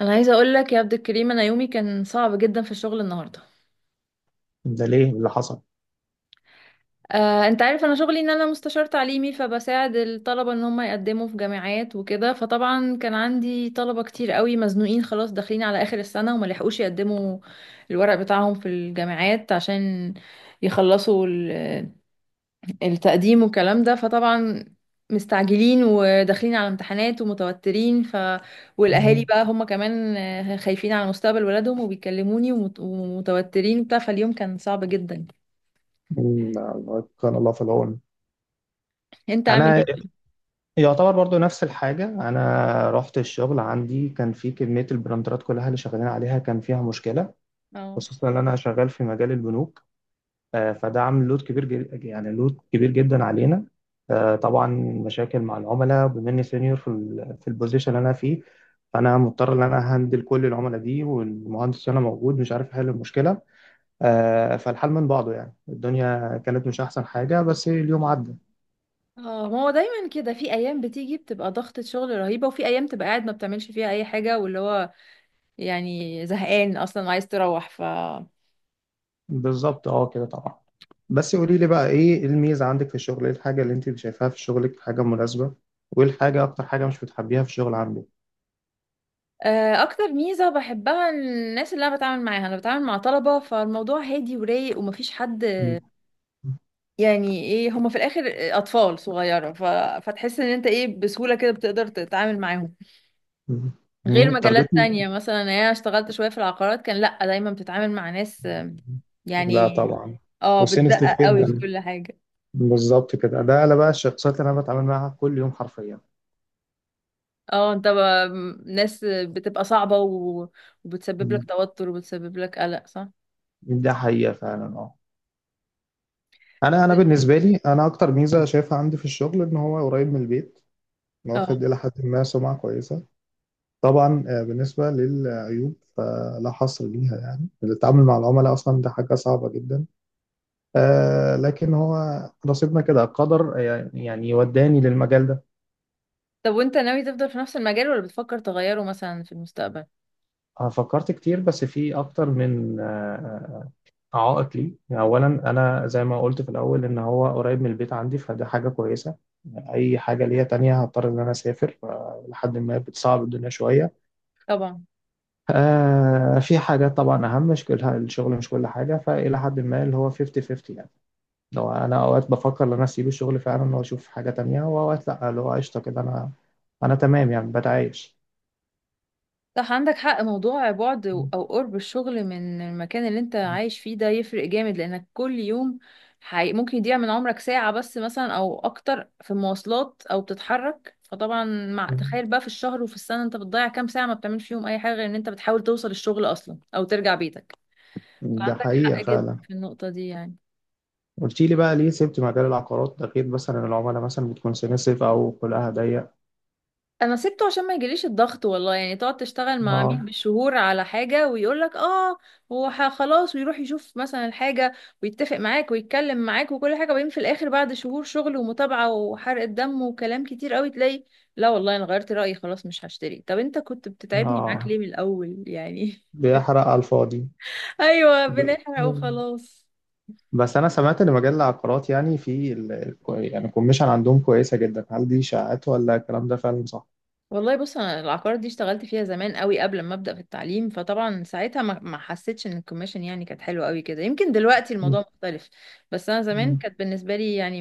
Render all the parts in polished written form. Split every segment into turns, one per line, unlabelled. انا عايزه اقول لك يا عبد الكريم، انا يومي كان صعب جدا في الشغل النهارده.
ده ليه؟ إيه اللي حصل؟
انت عارف انا شغلي ان انا مستشار تعليمي، فبساعد الطلبه ان هم يقدموا في جامعات وكده. فطبعا كان عندي طلبه كتير قوي مزنوقين خلاص، داخلين على اخر السنه وما لحقوش يقدموا الورق بتاعهم في الجامعات عشان يخلصوا التقديم والكلام ده. فطبعا مستعجلين وداخلين على امتحانات ومتوترين، والاهالي
مم.
بقى هم كمان خايفين على مستقبل ولادهم وبيكلموني ومتوترين وبتاع. فاليوم كان صعب جدا.
مم، كان الله في العون.
انت عامل
انا
ايه؟
يعتبر برضو نفس الحاجه، انا رحت الشغل. عندي كان في كميه البراندرات كلها اللي شغالين عليها كان فيها مشكله،
اه.
خصوصا ان انا شغال في مجال البنوك. فده عامل لود كبير جد، يعني لود كبير جدا علينا. طبعا مشاكل مع العملاء، بما اني سينيور في في البوزيشن اللي انا فيه، فانا مضطر ان انا هندل كل العملاء دي والمهندس هنا موجود مش عارف احل المشكله. فالحال من بعضه، يعني الدنيا كانت مش أحسن حاجة بس اليوم عدى.
اه، ما هو دايما كده، في ايام بتيجي بتبقى ضغطة شغل رهيبة، وفي ايام تبقى قاعد ما بتعملش فيها اي حاجة، واللي هو يعني زهقان اصلا وعايز تروح. ف
بالظبط، اه، كده طبعا. بس قولي لي بقى، إيه الميزة عندك في الشغل؟ إيه الحاجة اللي أنت شايفاها في شغلك، حاجة مناسبة؟ وإيه الحاجة، أكتر حاجة مش بتحبيها في الشغل عندك؟
اكتر ميزه بحبها الناس اللي انا بتعامل معاها، انا بتعامل مع طلبه، فالموضوع هادي ورايق ومفيش حد
مم.
يعني، ايه هما في الاخر اطفال صغيره فتحس ان انت ايه بسهوله كده بتقدر تتعامل معاهم.
مم.
غير مجالات
تارجتني.
تانية مثلا، يعني انا اشتغلت شويه في العقارات، كان لا دايما بتتعامل مع ناس
لا
يعني،
طبعا.
اه
وسنسيتيف
بتدقق قوي في
جدا.
كل حاجه.
بالظبط كده، ده انا بقى الشخصيات اللي انا بتعامل معاها كل يوم حرفيا.
اه انت ب... ناس بتبقى صعبه وبتسبب لك
مم.
توتر وبتسبب لك قلق، صح.
ده حقيقة فعلا، اه. انا بالنسبة لي، انا اكتر ميزة شايفها عندي في الشغل ان هو قريب من البيت،
اه.
واخد إلى حد ما سمعة كويسة. طبعا، بالنسبة للعيوب فلا حصر ليها، يعني التعامل مع العملاء أصلا ده حاجة صعبة جدا. لكن هو نصيبنا كده قدر، يعني وداني للمجال ده.
طب وانت ناوي تفضل في نفس المجال ولا بتفكر تغيره مثلا في المستقبل؟
فكرت كتير، بس في أكتر من عائق لي. يعني أولا أنا زي ما قلت في الأول، إن هو قريب من البيت عندي، فده حاجة كويسة. أي حاجة ليا تانية هضطر إن أنا أسافر، لحد ما بتصعب الدنيا شوية.
طبعا.
في حاجات طبعا أهم، مش كل الشغل، مش كل حاجة، فإلى حد ما اللي هو 50-50. يعني لو، أنا أوقات بفكر إن أنا أسيب الشغل فعلا وأشوف حاجة تانية، وأوقات لأ اللي هو قشطة كده، أنا تمام يعني، بتعايش.
صح، عندك حق. موضوع بعد او قرب الشغل من المكان اللي انت عايش فيه ده يفرق جامد، لانك كل يوم ممكن يضيع من عمرك ساعة بس مثلا او اكتر في مواصلات او بتتحرك. فطبعا مع تخيل بقى في الشهر وفي السنة انت بتضيع كام ساعة ما بتعملش فيهم اي حاجة غير ان انت بتحاول توصل الشغل اصلا او ترجع بيتك.
ده
فعندك
حقيقة
حق جدا
فعلا.
في النقطة دي يعني.
قلت لي بقى ليه سبت مجال العقارات ده، غير مثلا العملاء مثلا بتكون سنسيف أو خلقها ضيق.
انا سبته عشان ما يجيليش الضغط، والله. يعني تقعد تشتغل مع عميل
اه،
بالشهور على حاجه، ويقول لك اه، خلاص ويروح يشوف مثلا الحاجه ويتفق معاك ويتكلم معاك وكل حاجه، وبعدين في الاخر بعد شهور شغل ومتابعه وحرق دم وكلام كتير قوي تلاقي لا والله انا غيرت رايي خلاص مش هشتري. طب انت كنت بتتعبني معاك
اه،
ليه من الاول يعني؟
بيحرق على الفاضي.
ايوه،
ب-
بنحرق وخلاص.
بس انا سمعت ان مجال العقارات، يعني في يعني الكوميشن عندهم كويسه جدا، هل دي اشاعات ولا الكلام ده فعلا صح؟
والله بص، انا العقار دي اشتغلت فيها زمان قوي قبل ما ابدا في التعليم، فطبعا ساعتها ما حسيتش ان الكوميشن يعني كانت حلوه قوي كده، يمكن دلوقتي
م-
الموضوع مختلف. بس انا زمان
م-
كانت بالنسبه لي يعني،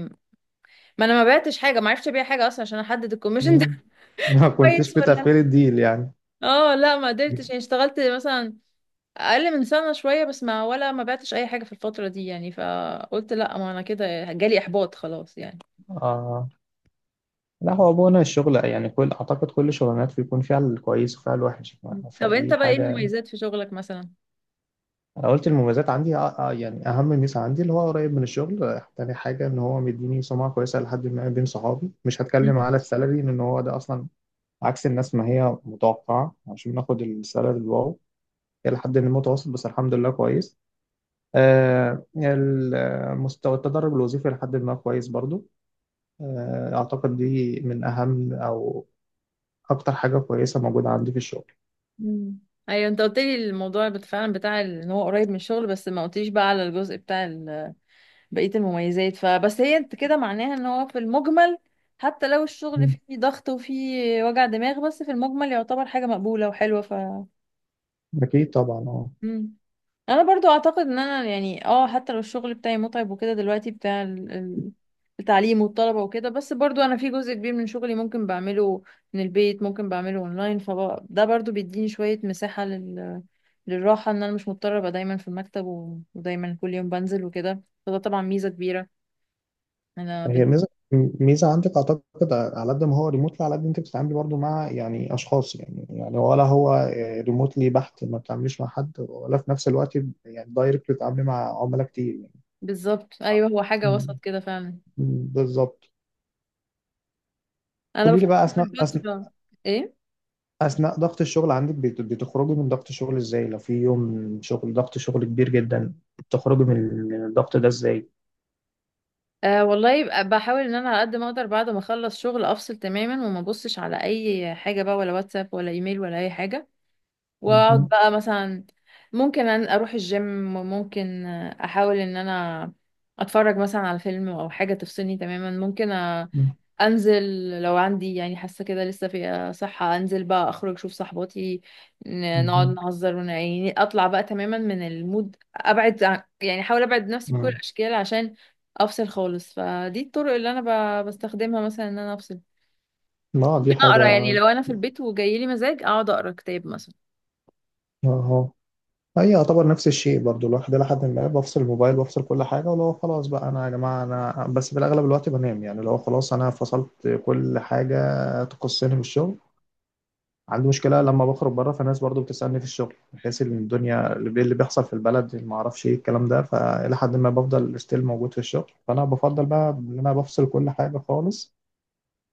ما انا ما بعتش حاجه، ما عرفتش ابيع حاجه اصلا عشان احدد الكوميشن ده.
م. ما
كويس
كنتش
ولا
متقبل
لا.
الديل يعني.
اه لا ما قدرتش، يعني اشتغلت مثلا اقل من سنه شويه بس، ما ولا ما بعتش اي حاجه في الفتره دي يعني. فقلت لا، ما انا كده جالي احباط خلاص يعني.
آه. لا هو بونا الشغل يعني، كل اعتقد كل شغلانات بيكون فيها الكويس وفيها الوحش.
مم. طب انت
فدي
بقى ايه
حاجه.
المميزات في شغلك مثلا؟
انا قلت المميزات عندي يعني اهم ميزه عندي اللي هو قريب من الشغل، تاني حاجه ان هو مديني سمعه كويسه لحد ما بين صحابي. مش هتكلم على السالري لان هو ده اصلا عكس الناس ما هي متوقعة، عشان ناخد السالري الواو، هي لحد ما متوسط بس الحمد لله كويس. مستوى التدرج الوظيفي لحد ما كويس برضو. أعتقد دي من أهم أو أكتر حاجة كويسة موجودة عندي في الشغل.
مم. ايوه، انت قلت لي الموضوع فعلا بتاع ان هو قريب من الشغل، بس ما قلتليش بقى على الجزء بتاع بقية المميزات. فبس هي انت كده معناها ان هو في المجمل حتى لو الشغل
مم.
فيه ضغط وفيه وجع دماغ، بس في المجمل يعتبر حاجة مقبولة وحلوة.
أكيد طبعا، أه.
مم. انا برضو اعتقد ان انا يعني اه، حتى لو الشغل بتاعي متعب وكده دلوقتي بتاع التعليم والطلبة وكده، بس برضو انا في جزء كبير من شغلي ممكن بعمله من البيت، ممكن بعمله اونلاين، فده برضو بيديني شوية مساحة للراحة، ان انا مش مضطرة ابقى دايما في المكتب ودايما كل يوم بنزل وكده. فده طبعا ميزة كبيرة. انا
هي
بن...
ميزة، ميزة عندك أعتقد، على قد ما هو ريموتلي، على قد أنت بتتعاملي برضو مع يعني أشخاص، يعني ولا هو ريموتلي بحت ما بتتعامليش مع حد، ولا في نفس الوقت يعني دايركت بتتعاملي مع عملاء كتير
بالظبط، ايوه، هو حاجة
يعني.
وسط كده فعلا.
بالظبط.
انا
قولي لي بقى،
بفكر في
اثناء اثناء
الفترة. ايه؟
اثناء ضغط الشغل عندك بتخرجي من ضغط الشغل ازاي؟ لو في يوم شغل، ضغط شغل كبير جدا، تخرجي من الضغط ده ازاي؟
أه والله يبقى بحاول ان انا على قد ما اقدر بعد ما اخلص شغل افصل تماما وما ابصش على اي حاجه بقى، ولا واتساب ولا ايميل ولا اي حاجه. واقعد
مهم.
بقى مثلا، ممكن أن اروح الجيم، وممكن احاول ان انا اتفرج مثلا على فيلم او حاجة تفصلني تماما.
مهم.
انزل لو عندي يعني حاسة كده لسه في صحة، انزل بقى اخرج اشوف صحباتي، نقعد
مهم.
نهزر يعني اطلع بقى تماما من المود، يعني احاول ابعد نفسي بكل
مم.
الاشكال عشان افصل خالص. فدي الطرق اللي انا بستخدمها مثلا ان انا افصل.
ما دي
ممكن اقرا، يعني
حاجة.
لو انا في البيت وجاي لي مزاج اقعد اقرا كتاب مثلا.
اهو، هي يعتبر نفس الشيء برضو، الواحد لحد ما بفصل الموبايل، بفصل كل حاجة. ولو خلاص بقى أنا، يا جماعة أنا بس، في الأغلب الوقت بنام. يعني لو خلاص أنا فصلت كل حاجة تخصني بالشغل. عندي مشكلة لما بخرج بره، فالناس برضو بتسألني في الشغل، بحيث ان الدنيا اللي بيحصل في البلد، ما اعرفش ايه الكلام ده، فإلى حد ما بفضل ستيل موجود في الشغل. فأنا بفضل بقى ان انا بفصل كل حاجة خالص،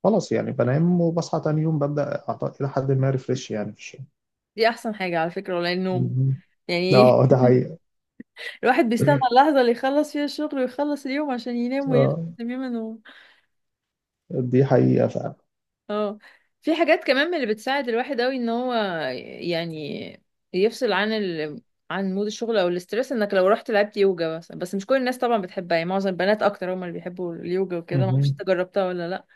خلاص يعني، بنام وبصحى تاني يوم ببدأ إلى حد ما ريفريش يعني في الشغل.
دي احسن حاجة على فكرة، ولا النوم
مهم.
يعني.
اه ده حقيقة،
الواحد بيستنى اللحظة اللي يخلص فيها الشغل ويخلص اليوم عشان ينام ويرتاح
اه.
تماما. و...
دي حقيقة فعلا.
اه، في حاجات كمان من اللي بتساعد الواحد قوي ان هو يعني يفصل عن عن مود الشغل او الاسترس، انك لو رحت لعبت يوجا، بس مش كل الناس طبعا بتحبها يعني، معظم البنات اكتر هم اللي بيحبوا اليوجا وكده. ما اعرفش انت
مهم.
جربتها ولا لا.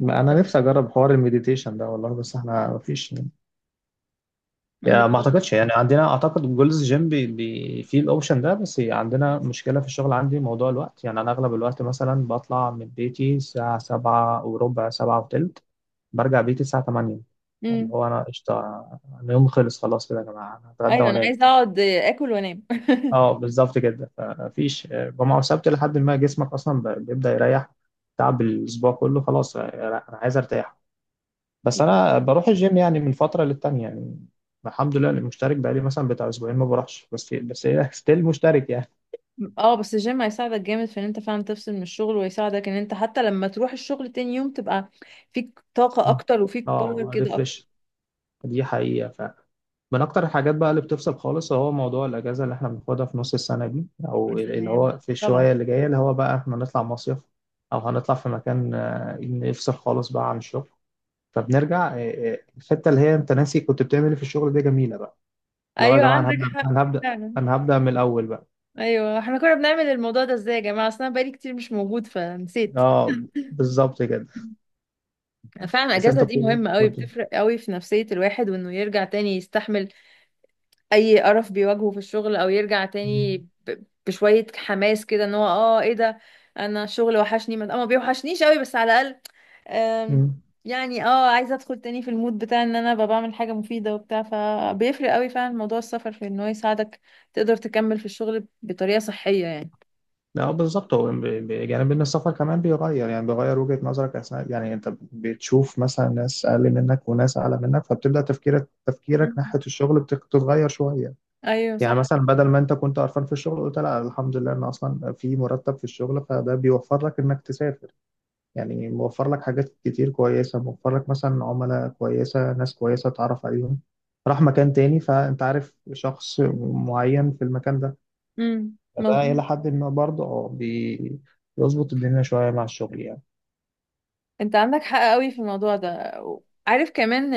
ما أنا نفسي أجرب حوار المديتيشن ده والله، بس احنا مفيش يعني، ما
مش-
اعتقدش يعني عندنا، اعتقد جولز جيم بي بي فيه الاوبشن ده، بس عندنا مشكله في الشغل عندي، موضوع الوقت. يعني انا اغلب الوقت مثلا بطلع من بيتي الساعه سبعة وربع، سبعة وتلت، برجع بيتي الساعه 8. اللي
امم،
هو انا قشطه، انا يوم خلص خلاص كده، يا جماعه انا هتغدى
ايوه انا
وانام.
عايزه اقعد اكل وانام.
اه بالظبط كده، فمفيش جمعه وسبت لحد ما جسمك اصلا بيبدا يريح. تعب الاسبوع كله خلاص، انا عايز ارتاح. بس انا بروح الجيم يعني من فتره للتانيه يعني، الحمد لله أنا مشترك، بقالي مثلا بتاع اسبوعين ما بروحش، بس هي ستيل مشترك يعني.
اه، بس الجيم هيساعدك جامد في ان انت فعلا تفصل من الشغل، ويساعدك ان انت حتى لما تروح الشغل تاني يوم تبقى فيك طاقة
مم.
اكتر وفيك باور
اه
كده اكتر.
ريفرش، دي حقيقه فعلا. من اكتر الحاجات بقى اللي بتفصل خالص هو موضوع الاجازه اللي احنا بناخدها في نص السنه دي،
يا
او اللي
سلام.
هو في
طبعا.
الشويه اللي جايه، اللي هو بقى احنا هنطلع مصيف او هنطلع في مكان، نفصل خالص بقى عن الشغل. فبنرجع، الحته اللي هي انت ناسي كنت بتعمل ايه في الشغل، دي جميله بقى. اللي هو يا
ايوه،
جماعه انا
عندك
هبدا،
حق.
انا هبدا،
فعلا.
انا هبدا من الاول بقى.
ايوه، احنا كنا بنعمل الموضوع ده ازاي يا جماعة؟ اصل انا بقالي كتير مش موجود فنسيت.
اه بالظبط كده.
فعلا
تحس إن
الاجازة
انت
دي مهمة قوي،
كنت.
بتفرق قوي في نفسية الواحد، وانه يرجع تاني يستحمل اي قرف بيواجهه في الشغل، او يرجع تاني بشوية حماس كده ان هو اه ايه ده، انا الشغل وحشني. ما بيوحشنيش قوي بس على الاقل، آم،
مم.
يعني اه عايزة ادخل تاني في المود بتاع ان انا ببقى بعمل حاجة مفيدة وبتاع. فبيفرق قوي فعلا موضوع السفر في ان هو يساعدك تقدر تكمل في الشغل بطريقة صحية يعني.
لا بالظبط، هو يعني ان السفر كمان بيغير، يعني بيغير وجهة نظرك اثناء، يعني انت بتشوف مثلا ناس اقل منك وناس اعلى منك، فبتبدا تفكيرك،
مم.
ناحية الشغل بتتغير شوية.
ايوه
يعني
صح.
مثلا بدل ما انت كنت قرفان في الشغل، قلت لا الحمد لله ان اصلا في مرتب في الشغل، فده بيوفر لك انك تسافر. يعني موفر لك حاجات كتير كويسة، موفر لك مثلا عملاء كويسة، ناس كويسة تعرف عليهم، راح مكان تاني فأنت عارف شخص معين في المكان ده.
امم،
فده إلى
مظبوط.
حد ما برضه، اه، بيظبط الدنيا شوية مع الشغل يعني.
انت عندك حق قوي في الموضوع ده. عارف كمان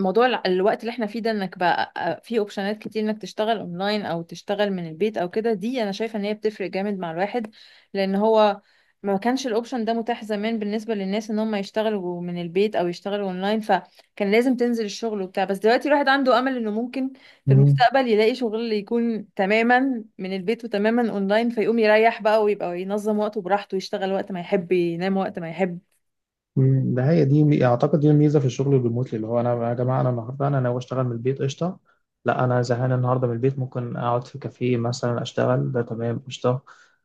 موضوع الوقت اللي احنا فيه ده، انك بقى في اوبشنات كتير انك تشتغل اونلاين او تشتغل من البيت او كده، دي انا شايفه ان هي بتفرق جامد مع الواحد. لان هو ما كانش الاوبشن ده متاح زمان بالنسبه للناس ان هم يشتغلوا من البيت او يشتغلوا اونلاين، فكان لازم تنزل الشغل وبتاع. بس دلوقتي الواحد عنده امل انه ممكن في
مم.
المستقبل يلاقي شغل يكون تماما من البيت وتماما اونلاين، فيقوم يريح بقى ويبقى ينظم وقته براحته، يشتغل وقت ما يحب ينام وقت ما يحب.
ده هي دي اعتقد دي الميزه في الشغل الريموتلي، اللي هو، انا يا جماعه انا النهارده انا ناوي اشتغل من البيت قشطه. لا انا زهقان النهارده من البيت، ممكن اقعد في كافيه مثلا اشتغل، ده تمام قشطه.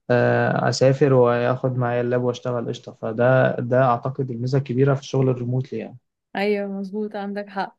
اسافر واخد معايا اللاب واشتغل قشطه، فده اعتقد الميزه الكبيره في الشغل الريموتلي يعني.
ايوه مظبوط، عندك حق.